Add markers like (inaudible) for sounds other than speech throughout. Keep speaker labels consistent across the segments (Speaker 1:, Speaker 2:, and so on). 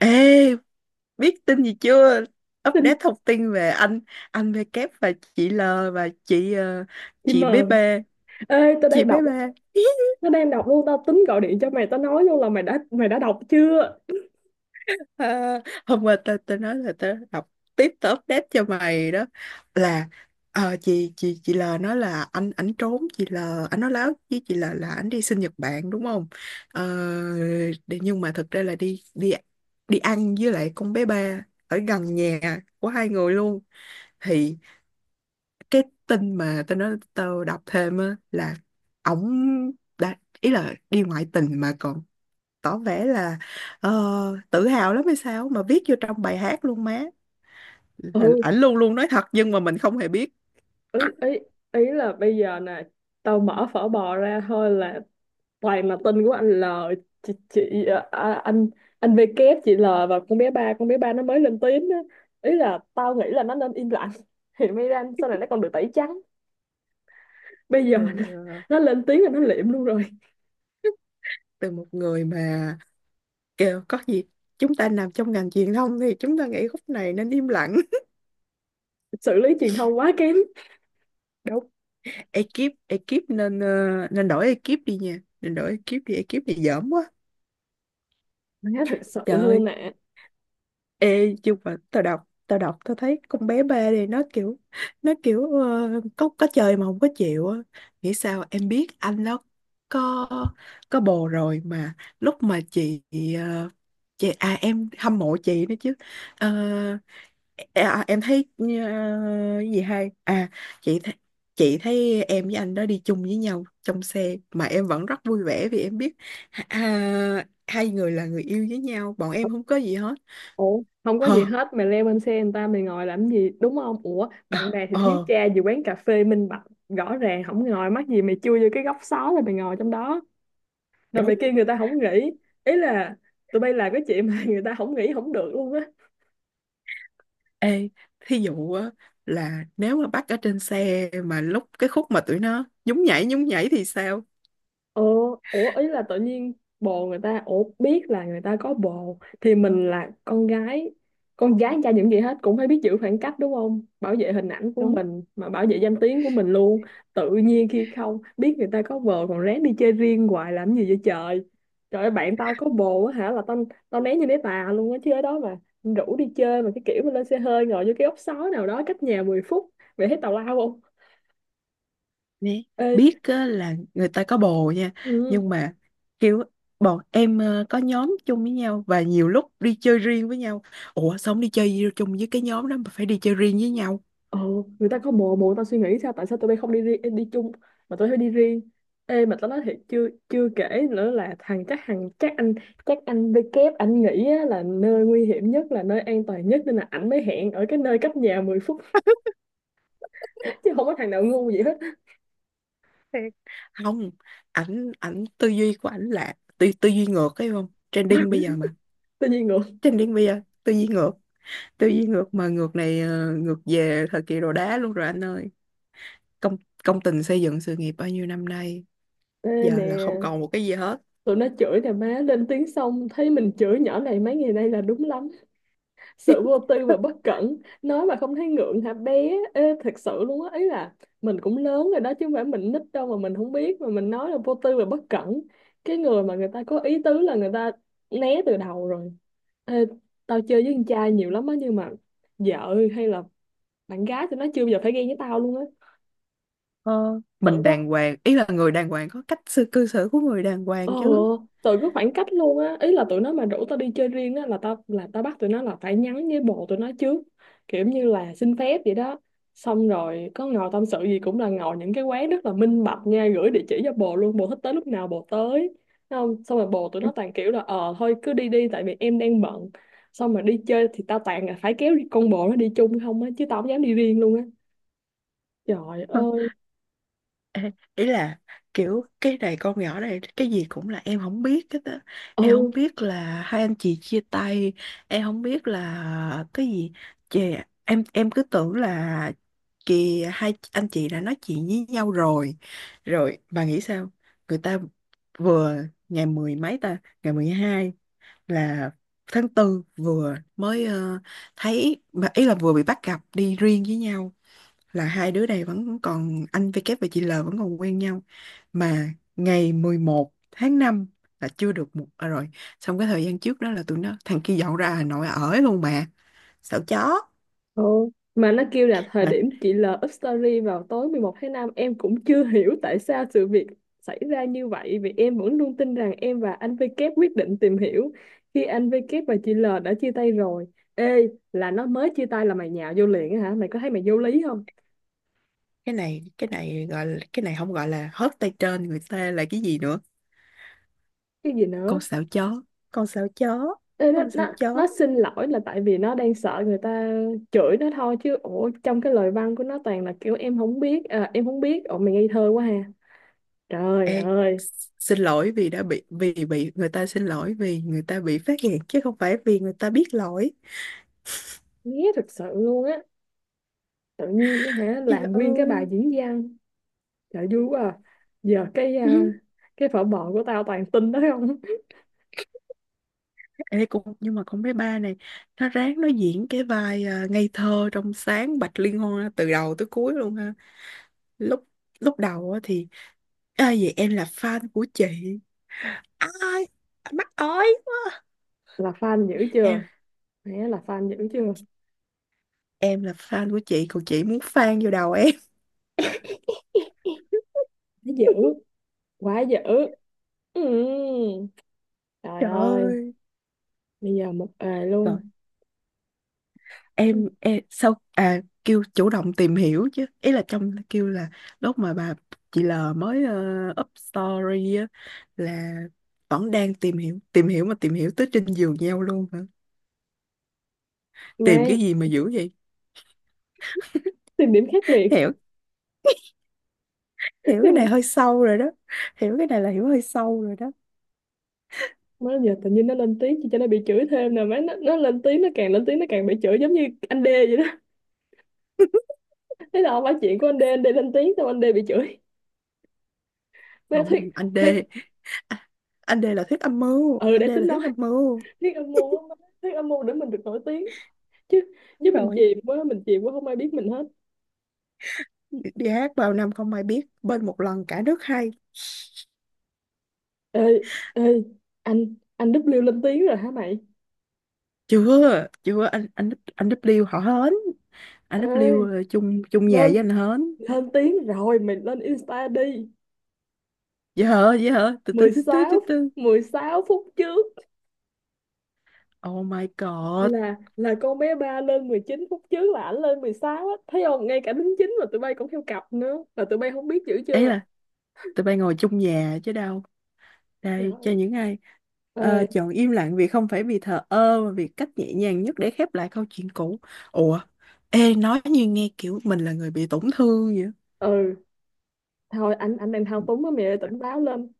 Speaker 1: Ê, biết tin gì chưa? Update
Speaker 2: Tin
Speaker 1: thông tin về anh V kép và chị L và chị
Speaker 2: chị
Speaker 1: chị bé
Speaker 2: mờ.
Speaker 1: bê,
Speaker 2: Ê, tao
Speaker 1: chị
Speaker 2: đang
Speaker 1: bé
Speaker 2: đọc,
Speaker 1: bê. (laughs)
Speaker 2: nó đang đọc luôn. Tao tính gọi điện cho mày, tao nói luôn là mày đã đọc chưa.
Speaker 1: à, Hôm qua tao tao nói là tao đọc tiếp, tao update cho mày đó, là chị L nói là anh ảnh trốn chị L. Anh nói láo với chị L là anh đi sinh Nhật Bản, đúng không? Ờ, nhưng mà thực ra là đi đi đi ăn với lại con bé ba ở gần nhà của hai người luôn. Thì cái tin mà tao nói tao đọc thêm á là ổng đã, ý là đi ngoại tình mà còn tỏ vẻ là, ờ, tự hào lắm hay sao mà viết vô trong bài hát luôn má, là
Speaker 2: Ừ.
Speaker 1: ảnh luôn luôn nói thật nhưng mà mình không hề biết.
Speaker 2: ý ý, Ý là bây giờ nè, tao mở phở bò ra thôi là toàn là tin của anh L, chị à, à, anh V kép, chị L và con bé ba nó mới lên tiếng á. Ý là tao nghĩ là nó nên im lặng (laughs) thì mới ra sau này nó còn được tẩy trắng. Bây giờ
Speaker 1: từ,
Speaker 2: nè,
Speaker 1: ờ,
Speaker 2: nó lên tiếng là nó liệm luôn rồi.
Speaker 1: Từ một người mà kêu có gì, chúng ta nằm trong ngành truyền thông thì chúng ta nghĩ khúc này nên im lặng. (laughs)
Speaker 2: Xử lý truyền thông quá kém.
Speaker 1: Đúng. Ekip ekip nên nên đổi ekip đi nha, nên đổi ekip đi, ekip này dởm quá.
Speaker 2: Má, thật sự
Speaker 1: Trời.
Speaker 2: luôn nè.
Speaker 1: Ê, nhưng mà tao thấy con bé ba này nó kiểu có chơi mà không có chịu á. Nghĩ sao em biết anh nó có có bồ rồi mà, lúc mà chị ờ, à, em hâm mộ chị nữa chứ. Ờ, em thấy cái gì hay, à chị thấy, chị thấy em với anh đó đi chung với nhau trong xe mà em vẫn rất vui vẻ vì em biết à, hai người là người yêu với nhau, bọn em không có gì hết.
Speaker 2: Ủa, không có gì
Speaker 1: Ờ,
Speaker 2: hết mày leo lên xe người ta mày ngồi làm gì, đúng không? Ủa, bạn
Speaker 1: à,
Speaker 2: bè thì thiếu
Speaker 1: ờ,
Speaker 2: cha gì quán cà phê minh bạch, rõ ràng không ngồi, mắc gì mày chui vô cái góc xó rồi mày ngồi trong đó, rồi mày
Speaker 1: Đúng.
Speaker 2: kêu người ta không nghỉ? Ý là tụi bay làm cái chuyện mà (laughs) người ta không nghỉ không được luôn á.
Speaker 1: Ê, thí dụ á, là nếu mà bắt ở trên xe mà lúc cái khúc mà tụi nó nhún nhảy thì sao?
Speaker 2: Ờ, ủa ý là tự nhiên bồ người ta, ủa biết là người ta có bồ thì mình là con gái, con gái cha những gì hết cũng phải biết giữ khoảng cách đúng không, bảo vệ hình ảnh của
Speaker 1: Đúng
Speaker 2: mình mà bảo vệ danh tiếng của mình luôn. Tự nhiên khi không biết người ta có bồ còn rén đi chơi riêng hoài làm gì vậy trời. Trời ơi, bạn tao có bồ á hả là tao, tao né như né tà luôn á chứ ở đó mà rủ đi chơi, mà cái kiểu mà lên xe hơi ngồi vô cái ốc sói nào đó cách nhà 10 phút, vậy thấy tào lao không?
Speaker 1: nè.
Speaker 2: Ê,
Speaker 1: Biết á, là người ta có bồ nha,
Speaker 2: ừ,
Speaker 1: nhưng mà kiểu bọn em có nhóm chung với nhau và nhiều lúc đi chơi riêng với nhau. Ủa sao không đi chơi chung với cái nhóm đó mà phải đi chơi riêng với nhau?
Speaker 2: ờ, người ta có bồ, bồ người ta suy nghĩ sao, tại sao tụi bay không đi riêng đi chung mà tụi bay phải đi riêng? Ê, mà tao nói thiệt, chưa chưa kể nữa là thằng chắc anh với kép anh nghĩ á, là nơi nguy hiểm nhất là nơi an toàn nhất, nên là ảnh mới hẹn ở cái nơi cách nhà 10 phút (laughs) chứ không có thằng nào ngu gì hết.
Speaker 1: Thiệt. Không, ảnh ảnh tư duy của ảnh là tư tư duy ngược ấy không? Trending bây giờ mà.
Speaker 2: Tự nhiên ngược.
Speaker 1: Trending bây giờ tư duy ngược. Tư duy ngược mà ngược này ngược về thời kỳ đồ đá luôn rồi anh ơi. Công công tình xây dựng sự nghiệp bao nhiêu năm nay
Speaker 2: Ê
Speaker 1: giờ
Speaker 2: nè,
Speaker 1: là không còn một cái gì hết.
Speaker 2: tụi nó chửi nè má, lên tiếng xong thấy mình chửi nhỏ này mấy ngày nay là đúng lắm. Sự vô tư và bất cẩn, nói mà không thấy ngượng hả bé? Ê, thật sự luôn á, ý là mình cũng lớn rồi đó chứ không phải mình nít đâu mà mình không biết, mà mình nói là vô tư và bất cẩn. Cái người mà người ta có ý tứ là người ta né từ đầu rồi. Ê, tao chơi với con trai nhiều lắm á, nhưng mà vợ hay là bạn gái thì nó chưa bao giờ phải ghen với tao luôn á.
Speaker 1: Ờ,
Speaker 2: Tự
Speaker 1: mình
Speaker 2: có.
Speaker 1: đàng hoàng, ý là người đàng hoàng có cách sự cư xử của người đàng
Speaker 2: Ờ,
Speaker 1: hoàng chứ.
Speaker 2: tụi cứ khoảng cách luôn á, ý là tụi nó mà rủ tao đi chơi riêng á là tao, là tao bắt tụi nó là phải nhắn với bồ tụi nó trước, kiểu như là xin phép vậy đó. Xong rồi có ngồi tâm sự gì cũng là ngồi những cái quán rất là minh bạch nha, gửi địa chỉ cho bồ luôn, bồ thích tới lúc nào bồ tới. Thấy không, xong rồi bồ tụi nó toàn
Speaker 1: (laughs)
Speaker 2: kiểu là ờ thôi cứ đi đi tại vì em đang bận. Xong mà đi chơi thì tao toàn là phải kéo con bồ nó đi chung không á, chứ tao không dám đi riêng luôn á. Trời ơi.
Speaker 1: (laughs) Ê, ý là kiểu cái này con nhỏ này cái gì cũng là em không biết hết á, em không
Speaker 2: Ừ.
Speaker 1: biết là hai anh chị chia tay, em không biết là cái gì chị, em cứ tưởng là kì hai anh chị đã nói chuyện với nhau rồi. Rồi bà nghĩ sao, người ta vừa, ngày mười mấy ta, ngày mười hai, là tháng tư vừa mới thấy mà ý là vừa bị bắt gặp đi riêng với nhau, là hai đứa này vẫn còn, anh V kép và chị L vẫn còn quen nhau, mà ngày 11 tháng 5 là chưa được một à, rồi. Xong cái thời gian trước đó là tụi nó thằng kia dọn ra Hà Nội ở luôn mà. Sợ chó.
Speaker 2: Ồ, mà nó kêu là thời
Speaker 1: Mà
Speaker 2: điểm chị L up story vào tối 11 tháng 5, em cũng chưa (laughs) hiểu tại sao sự việc xảy ra như vậy, vì em vẫn luôn tin rằng em và anh VK quyết định tìm hiểu khi anh VK và chị L đã chia tay rồi. Ê, là nó mới chia tay là mày nhào vô liền á hả? Mày có thấy mày vô lý không?
Speaker 1: cái này gọi là, cái này không gọi là hớt tay trên người ta là cái gì nữa.
Speaker 2: Cái gì nữa?
Speaker 1: Con sợ chó, con sợ chó,
Speaker 2: Ê, nó,
Speaker 1: con sợ
Speaker 2: nó, nó
Speaker 1: chó.
Speaker 2: xin lỗi là tại vì nó đang sợ người ta chửi nó thôi, chứ ủa trong cái lời văn của nó toàn là kiểu em không biết, à, em không biết. Ủa, mày ngây thơ quá ha? Trời
Speaker 1: Ê,
Speaker 2: ơi,
Speaker 1: xin lỗi vì đã bị, vì bị người ta, xin lỗi vì người ta bị phát hiện chứ không phải vì người ta biết lỗi.
Speaker 2: nghe thật sự luôn á, tự nhiên á hả
Speaker 1: Trời
Speaker 2: làm nguyên cái bài
Speaker 1: ơi.
Speaker 2: diễn văn. Trời vui quá à. Giờ cái à,
Speaker 1: (laughs)
Speaker 2: cái phở bò của tao toàn tin đó không. (laughs)
Speaker 1: Ê, cũng nhưng mà con bé ba này nó ráng nó diễn cái vai, à, ngây thơ trong sáng Bạch Liên Hoa từ đầu tới cuối luôn ha. Lúc lúc đầu á thì à, vậy em là fan của chị. Ai, anh mắc ơi,
Speaker 2: Là fan dữ
Speaker 1: em
Speaker 2: chưa, hả, là fan dữ chưa?
Speaker 1: em là fan của chị còn chị muốn fan vô đầu em.
Speaker 2: Nó dữ,
Speaker 1: (laughs)
Speaker 2: quá dữ. Ừ. Trời
Speaker 1: Trời
Speaker 2: ơi,
Speaker 1: ơi.
Speaker 2: bây giờ một ề
Speaker 1: Rồi
Speaker 2: luôn
Speaker 1: em sau à kêu chủ động tìm hiểu chứ, ý là trong kêu là lúc mà bà, chị L mới up story á, là vẫn đang tìm hiểu. Tìm hiểu mà tìm hiểu tới trên giường nhau luôn hả?
Speaker 2: mà
Speaker 1: Tìm cái gì mà dữ vậy?
Speaker 2: tìm điểm khác biệt.
Speaker 1: Hiểu,
Speaker 2: (laughs)
Speaker 1: hiểu cái này
Speaker 2: Tìm.
Speaker 1: hơi sâu rồi đó. Hiểu cái này là hiểu hơi sâu rồi đó.
Speaker 2: Má giờ tự nhiên nó lên tiếng chị cho nó bị chửi thêm nè má, nó lên tiếng, nó càng lên tiếng nó càng bị chửi giống như anh D vậy đó. Thế là không phải chuyện của anh D, anh D lên tiếng xong anh D bị chửi. Má
Speaker 1: Không,
Speaker 2: thuyết,
Speaker 1: anh D,
Speaker 2: thuyết
Speaker 1: à, anh D là thuyết âm mưu,
Speaker 2: ừ
Speaker 1: anh
Speaker 2: để
Speaker 1: D
Speaker 2: tính.
Speaker 1: là thuyết âm mưu.
Speaker 2: Thiết âm mưu á má. Thiết âm mưu để mình được nổi tiếng chứ, chứ
Speaker 1: Đúng
Speaker 2: mình
Speaker 1: rồi.
Speaker 2: chìm quá, mình chìm quá không ai biết mình hết.
Speaker 1: Đi hát vào năm không ai biết bên một lần cả nước hay.
Speaker 2: Ê ê anh anh W lên tiếng rồi hả mày?
Speaker 1: Chưa chưa, anh W họ hến, anh W
Speaker 2: Ê,
Speaker 1: là chung chung nhà
Speaker 2: lên
Speaker 1: với anh hến.
Speaker 2: lên tiếng rồi, mày lên Insta đi.
Speaker 1: Dễ hở, dễ hở, từ từ
Speaker 2: mười
Speaker 1: từ từ từ
Speaker 2: sáu
Speaker 1: từ
Speaker 2: 16 phút trước,
Speaker 1: Oh my god.
Speaker 2: là con bé ba lên 19 phút trước, là ảnh lên 16 á. Thấy không, ngay cả đính chính mà tụi bay cũng theo cặp nữa mà tụi bay không biết chữ
Speaker 1: Ấy
Speaker 2: chưa?
Speaker 1: là tụi bay ngồi chung nhà chứ đâu. Đây cho
Speaker 2: Trời
Speaker 1: những ai
Speaker 2: ơi.
Speaker 1: chọn im lặng vì không phải vì thờ ơ mà vì cách nhẹ nhàng nhất để khép lại câu chuyện cũ. Ủa, ê, nói như nghe kiểu mình là người bị tổn thương vậy.
Speaker 2: Ừ, thôi anh đang thao túng á mày ơi, tỉnh táo lên.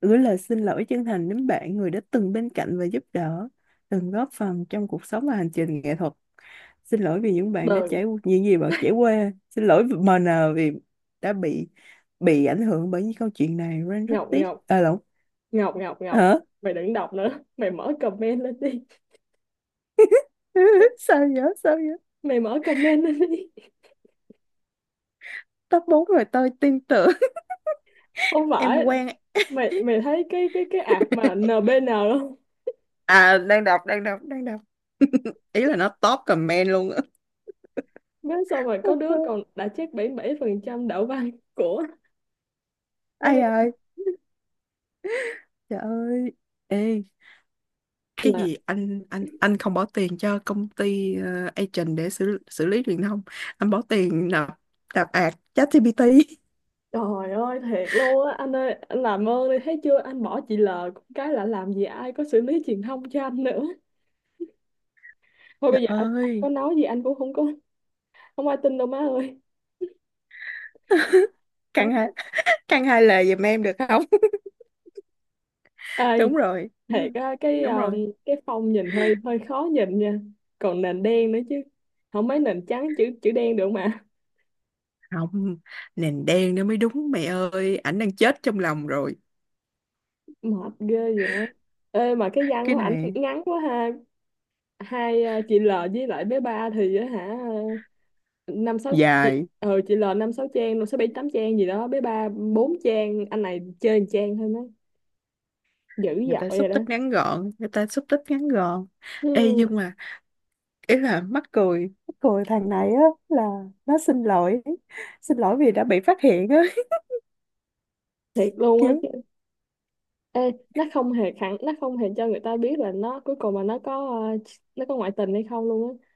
Speaker 1: Gửi lời xin lỗi chân thành đến bạn, người đã từng bên cạnh và giúp đỡ, từng góp phần trong cuộc sống và hành trình nghệ thuật. Xin lỗi vì những bạn đã
Speaker 2: Đờn.
Speaker 1: trải, những gì bạn trải qua. Xin lỗi MN vì đã bị ảnh hưởng bởi những câu chuyện này. Ren rất
Speaker 2: Ngọc,
Speaker 1: tiếc.
Speaker 2: ngọc,
Speaker 1: À lộn.
Speaker 2: Ngọc Ngọc Ngọc,
Speaker 1: Hả?
Speaker 2: mày đừng đọc nữa. (laughs) Mày mở comment lên đi.
Speaker 1: (laughs)
Speaker 2: (laughs)
Speaker 1: Sao vậy? Sao vậy?
Speaker 2: Mày mở comment lên đi.
Speaker 1: Top 4 rồi tôi tin tưởng.
Speaker 2: (laughs) Không
Speaker 1: (laughs) Em
Speaker 2: phải,
Speaker 1: quen.
Speaker 2: mày mày thấy cái cái ạc mà
Speaker 1: (laughs)
Speaker 2: NBN không?
Speaker 1: À đang đọc, đang đọc, đang đọc. (laughs) Ý là nó top comment luôn á.
Speaker 2: Biết sao mà (laughs) có đứa còn
Speaker 1: (laughs)
Speaker 2: đã chết bảy 7% đạo văn của
Speaker 1: Ai
Speaker 2: quay
Speaker 1: ơi, trời ơi. Ê, cái
Speaker 2: là.
Speaker 1: gì anh không bỏ tiền cho công ty, agent để xử xử lý truyền thông, anh bỏ tiền nạp nạp ạt ChatGPT.
Speaker 2: Trời ơi, thiệt luôn á anh ơi, anh làm ơn đi, thấy chưa anh bỏ chị L cũng cái là làm gì, ai có xử lý truyền thông cho anh nữa. Thôi bây
Speaker 1: Trời
Speaker 2: giờ anh
Speaker 1: ơi.
Speaker 2: có nói gì anh cũng không có, không ai tin đâu má ơi.
Speaker 1: (laughs)
Speaker 2: Má
Speaker 1: Căn hai,
Speaker 2: ơi.
Speaker 1: căn hai lời giùm em được không?
Speaker 2: Ê,
Speaker 1: (laughs) Đúng rồi, đúng
Speaker 2: thiệt
Speaker 1: rồi,
Speaker 2: á
Speaker 1: đúng rồi.
Speaker 2: cái phông nhìn hơi hơi khó nhìn nha. Còn nền đen nữa chứ, không mấy nền trắng chữ, chữ đen được mà.
Speaker 1: Không, nền đen nó mới đúng, mẹ ơi ảnh đang chết trong lòng rồi.
Speaker 2: (laughs) Mệt ghê vậy. Ê, mà cái văn
Speaker 1: Cái
Speaker 2: của ảnh
Speaker 1: này
Speaker 2: ngắn quá ha. Hai chị L với lại bé ba thì á hả, ờ, năm sáu, chị
Speaker 1: dài.
Speaker 2: chị L năm sáu, trang năm sáu bảy tám trang gì đó, bé ba bốn trang, anh này chơi một trang thôi má. Dữ
Speaker 1: Người ta
Speaker 2: dội
Speaker 1: xúc
Speaker 2: rồi đó.
Speaker 1: tích ngắn gọn, người ta xúc tích ngắn gọn. Ê nhưng
Speaker 2: Hmm,
Speaker 1: mà ý là mắc cười, mắc cười thằng này á, là nó xin lỗi, xin lỗi vì đã bị phát hiện á.
Speaker 2: thiệt
Speaker 1: (laughs)
Speaker 2: luôn á
Speaker 1: Kiểu
Speaker 2: chứ. Ê, nó không hề khẳng, nó không hề cho người ta biết là nó cuối cùng mà nó có ờ, nó có ngoại tình hay không luôn á.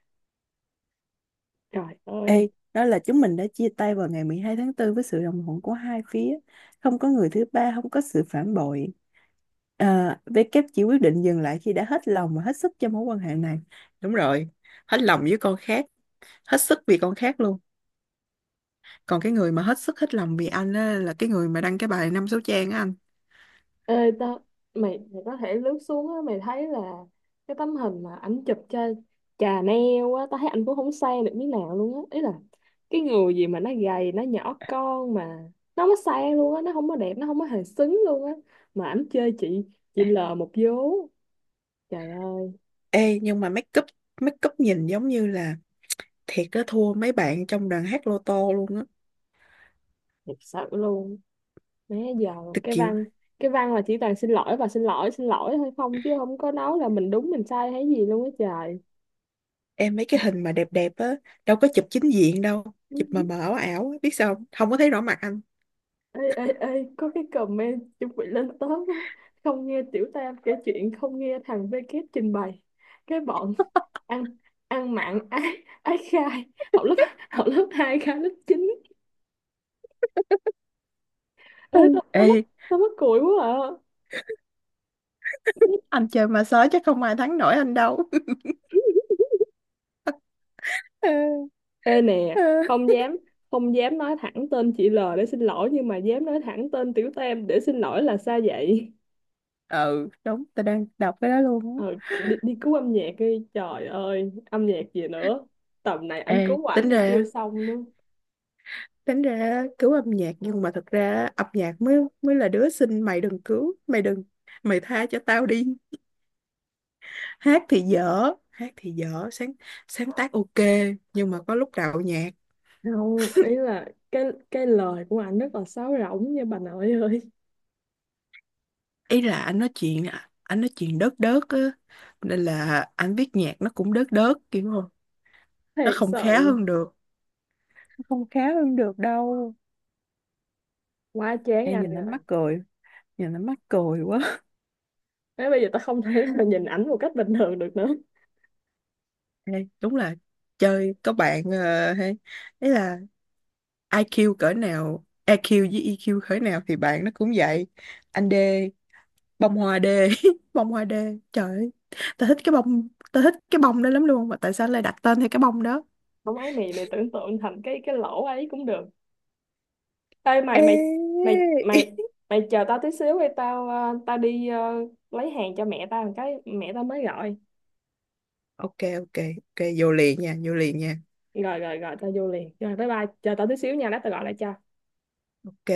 Speaker 2: Trời ơi.
Speaker 1: ê đó là chúng mình đã chia tay vào ngày 12 tháng 4 với sự đồng thuận của hai phía, không có người thứ ba, không có sự phản bội. À, W chỉ quyết định dừng lại khi đã hết lòng và hết sức cho mối quan hệ này. Đúng rồi, hết lòng với con khác, hết sức vì con khác luôn. Còn cái người mà hết sức hết lòng vì anh á, là cái người mà đăng cái bài năm số trang á anh.
Speaker 2: Ê tao, mày mày có thể lướt xuống á, mày thấy là cái tấm hình mà ảnh chụp cho Chà neo á, tao thấy ảnh cũng không sang được miếng nào luôn á. Ý là cái người gì mà nó gầy, nó nhỏ con mà nó không có sang luôn á, nó không có đẹp, nó không có hề xứng luôn á. Mà ảnh chơi chị L một vố. Trời ơi,
Speaker 1: Ê nhưng mà make up nhìn giống như là, thiệt á, thua mấy bạn trong đoàn hát lô tô luôn á.
Speaker 2: thiệt sự luôn. Má giờ
Speaker 1: Tôi
Speaker 2: cái
Speaker 1: kiểu,
Speaker 2: văn cái văn là chỉ toàn xin lỗi và xin lỗi, xin lỗi thôi không, chứ không có nói là mình đúng mình sai hay gì luôn á trời.
Speaker 1: em mấy cái hình mà đẹp đẹp á đâu có chụp chính diện đâu, chụp mà mờ ảo ảo á, biết sao không, không có thấy rõ mặt anh.
Speaker 2: Ê ê Ê, có cái comment chuẩn bị lên top á, không nghe tiểu tam kể chuyện, không nghe thằng VK trình bày. Cái bọn ăn ăn mặn ái ái khai, học lớp (laughs) học lớp 2 khai lớp 9.
Speaker 1: Ừ.
Speaker 2: Ê tao tao mất,
Speaker 1: Ê,
Speaker 2: tao mất cười quá à.
Speaker 1: anh chơi mà sói chắc không ai thắng nổi anh đâu. (laughs) Ờ,
Speaker 2: Ê nè,
Speaker 1: ờ.
Speaker 2: không dám không dám nói thẳng tên chị L để xin lỗi, nhưng mà dám nói thẳng tên tiểu tam để xin lỗi là sao vậy?
Speaker 1: Ừ, đúng, tao đang đọc cái đó luôn
Speaker 2: Ờ,
Speaker 1: á.
Speaker 2: đi, đi cứu âm nhạc đi, trời ơi âm nhạc gì nữa, tầm này anh
Speaker 1: Ê,
Speaker 2: cứu ảnh
Speaker 1: tính ra,
Speaker 2: còn chưa xong nữa.
Speaker 1: tính ra cứu âm nhạc nhưng mà thật ra âm nhạc mới, mới là đứa xinh, mày đừng cứu, mày đừng, mày tha cho tao đi. Hát thì dở, hát thì dở, sáng sáng tác ok nhưng mà có lúc đạo nhạc.
Speaker 2: Không, ý là cái cái lời của anh rất là sáo rỗng nha bà nội ơi.
Speaker 1: Ý là anh nói chuyện đớt đớt á, nên là anh viết nhạc nó cũng đớt đớt kiểu không,
Speaker 2: (laughs)
Speaker 1: nó
Speaker 2: Thiệt
Speaker 1: không khá
Speaker 2: sự,
Speaker 1: hơn được. Nó không khá hơn được đâu.
Speaker 2: quá chán
Speaker 1: em
Speaker 2: anh
Speaker 1: nhìn nó
Speaker 2: rồi.
Speaker 1: mắc cười nhìn nó mắc cười quá.
Speaker 2: Thế bây giờ tao không thể nào (laughs) nhìn ảnh một cách bình thường được nữa.
Speaker 1: Ê, đúng là chơi có bạn hay ấy là IQ cỡ nào, EQ với EQ cỡ nào thì bạn nó cũng vậy. Anh D, bông hoa đê. (laughs) Bông hoa đê, trời ơi, tao thích cái bông đó lắm luôn mà tại sao lại đặt tên theo cái bông đó.
Speaker 2: Không ấy mày, tưởng tượng thành cái lỗ ấy cũng được. Ê mày, mày
Speaker 1: Ê.
Speaker 2: mày mày
Speaker 1: (laughs)
Speaker 2: mày chờ tao tí xíu đi, tao ờ, tao đi lấy hàng cho mẹ tao một cái, mẹ tao mới gọi.
Speaker 1: Ok, ok, ok vô liền nha, vô liền nha.
Speaker 2: Rồi rồi rồi, tao vô liền rồi, bye bye, chờ tao tí xíu nha, lát tao gọi lại cho.
Speaker 1: Ok.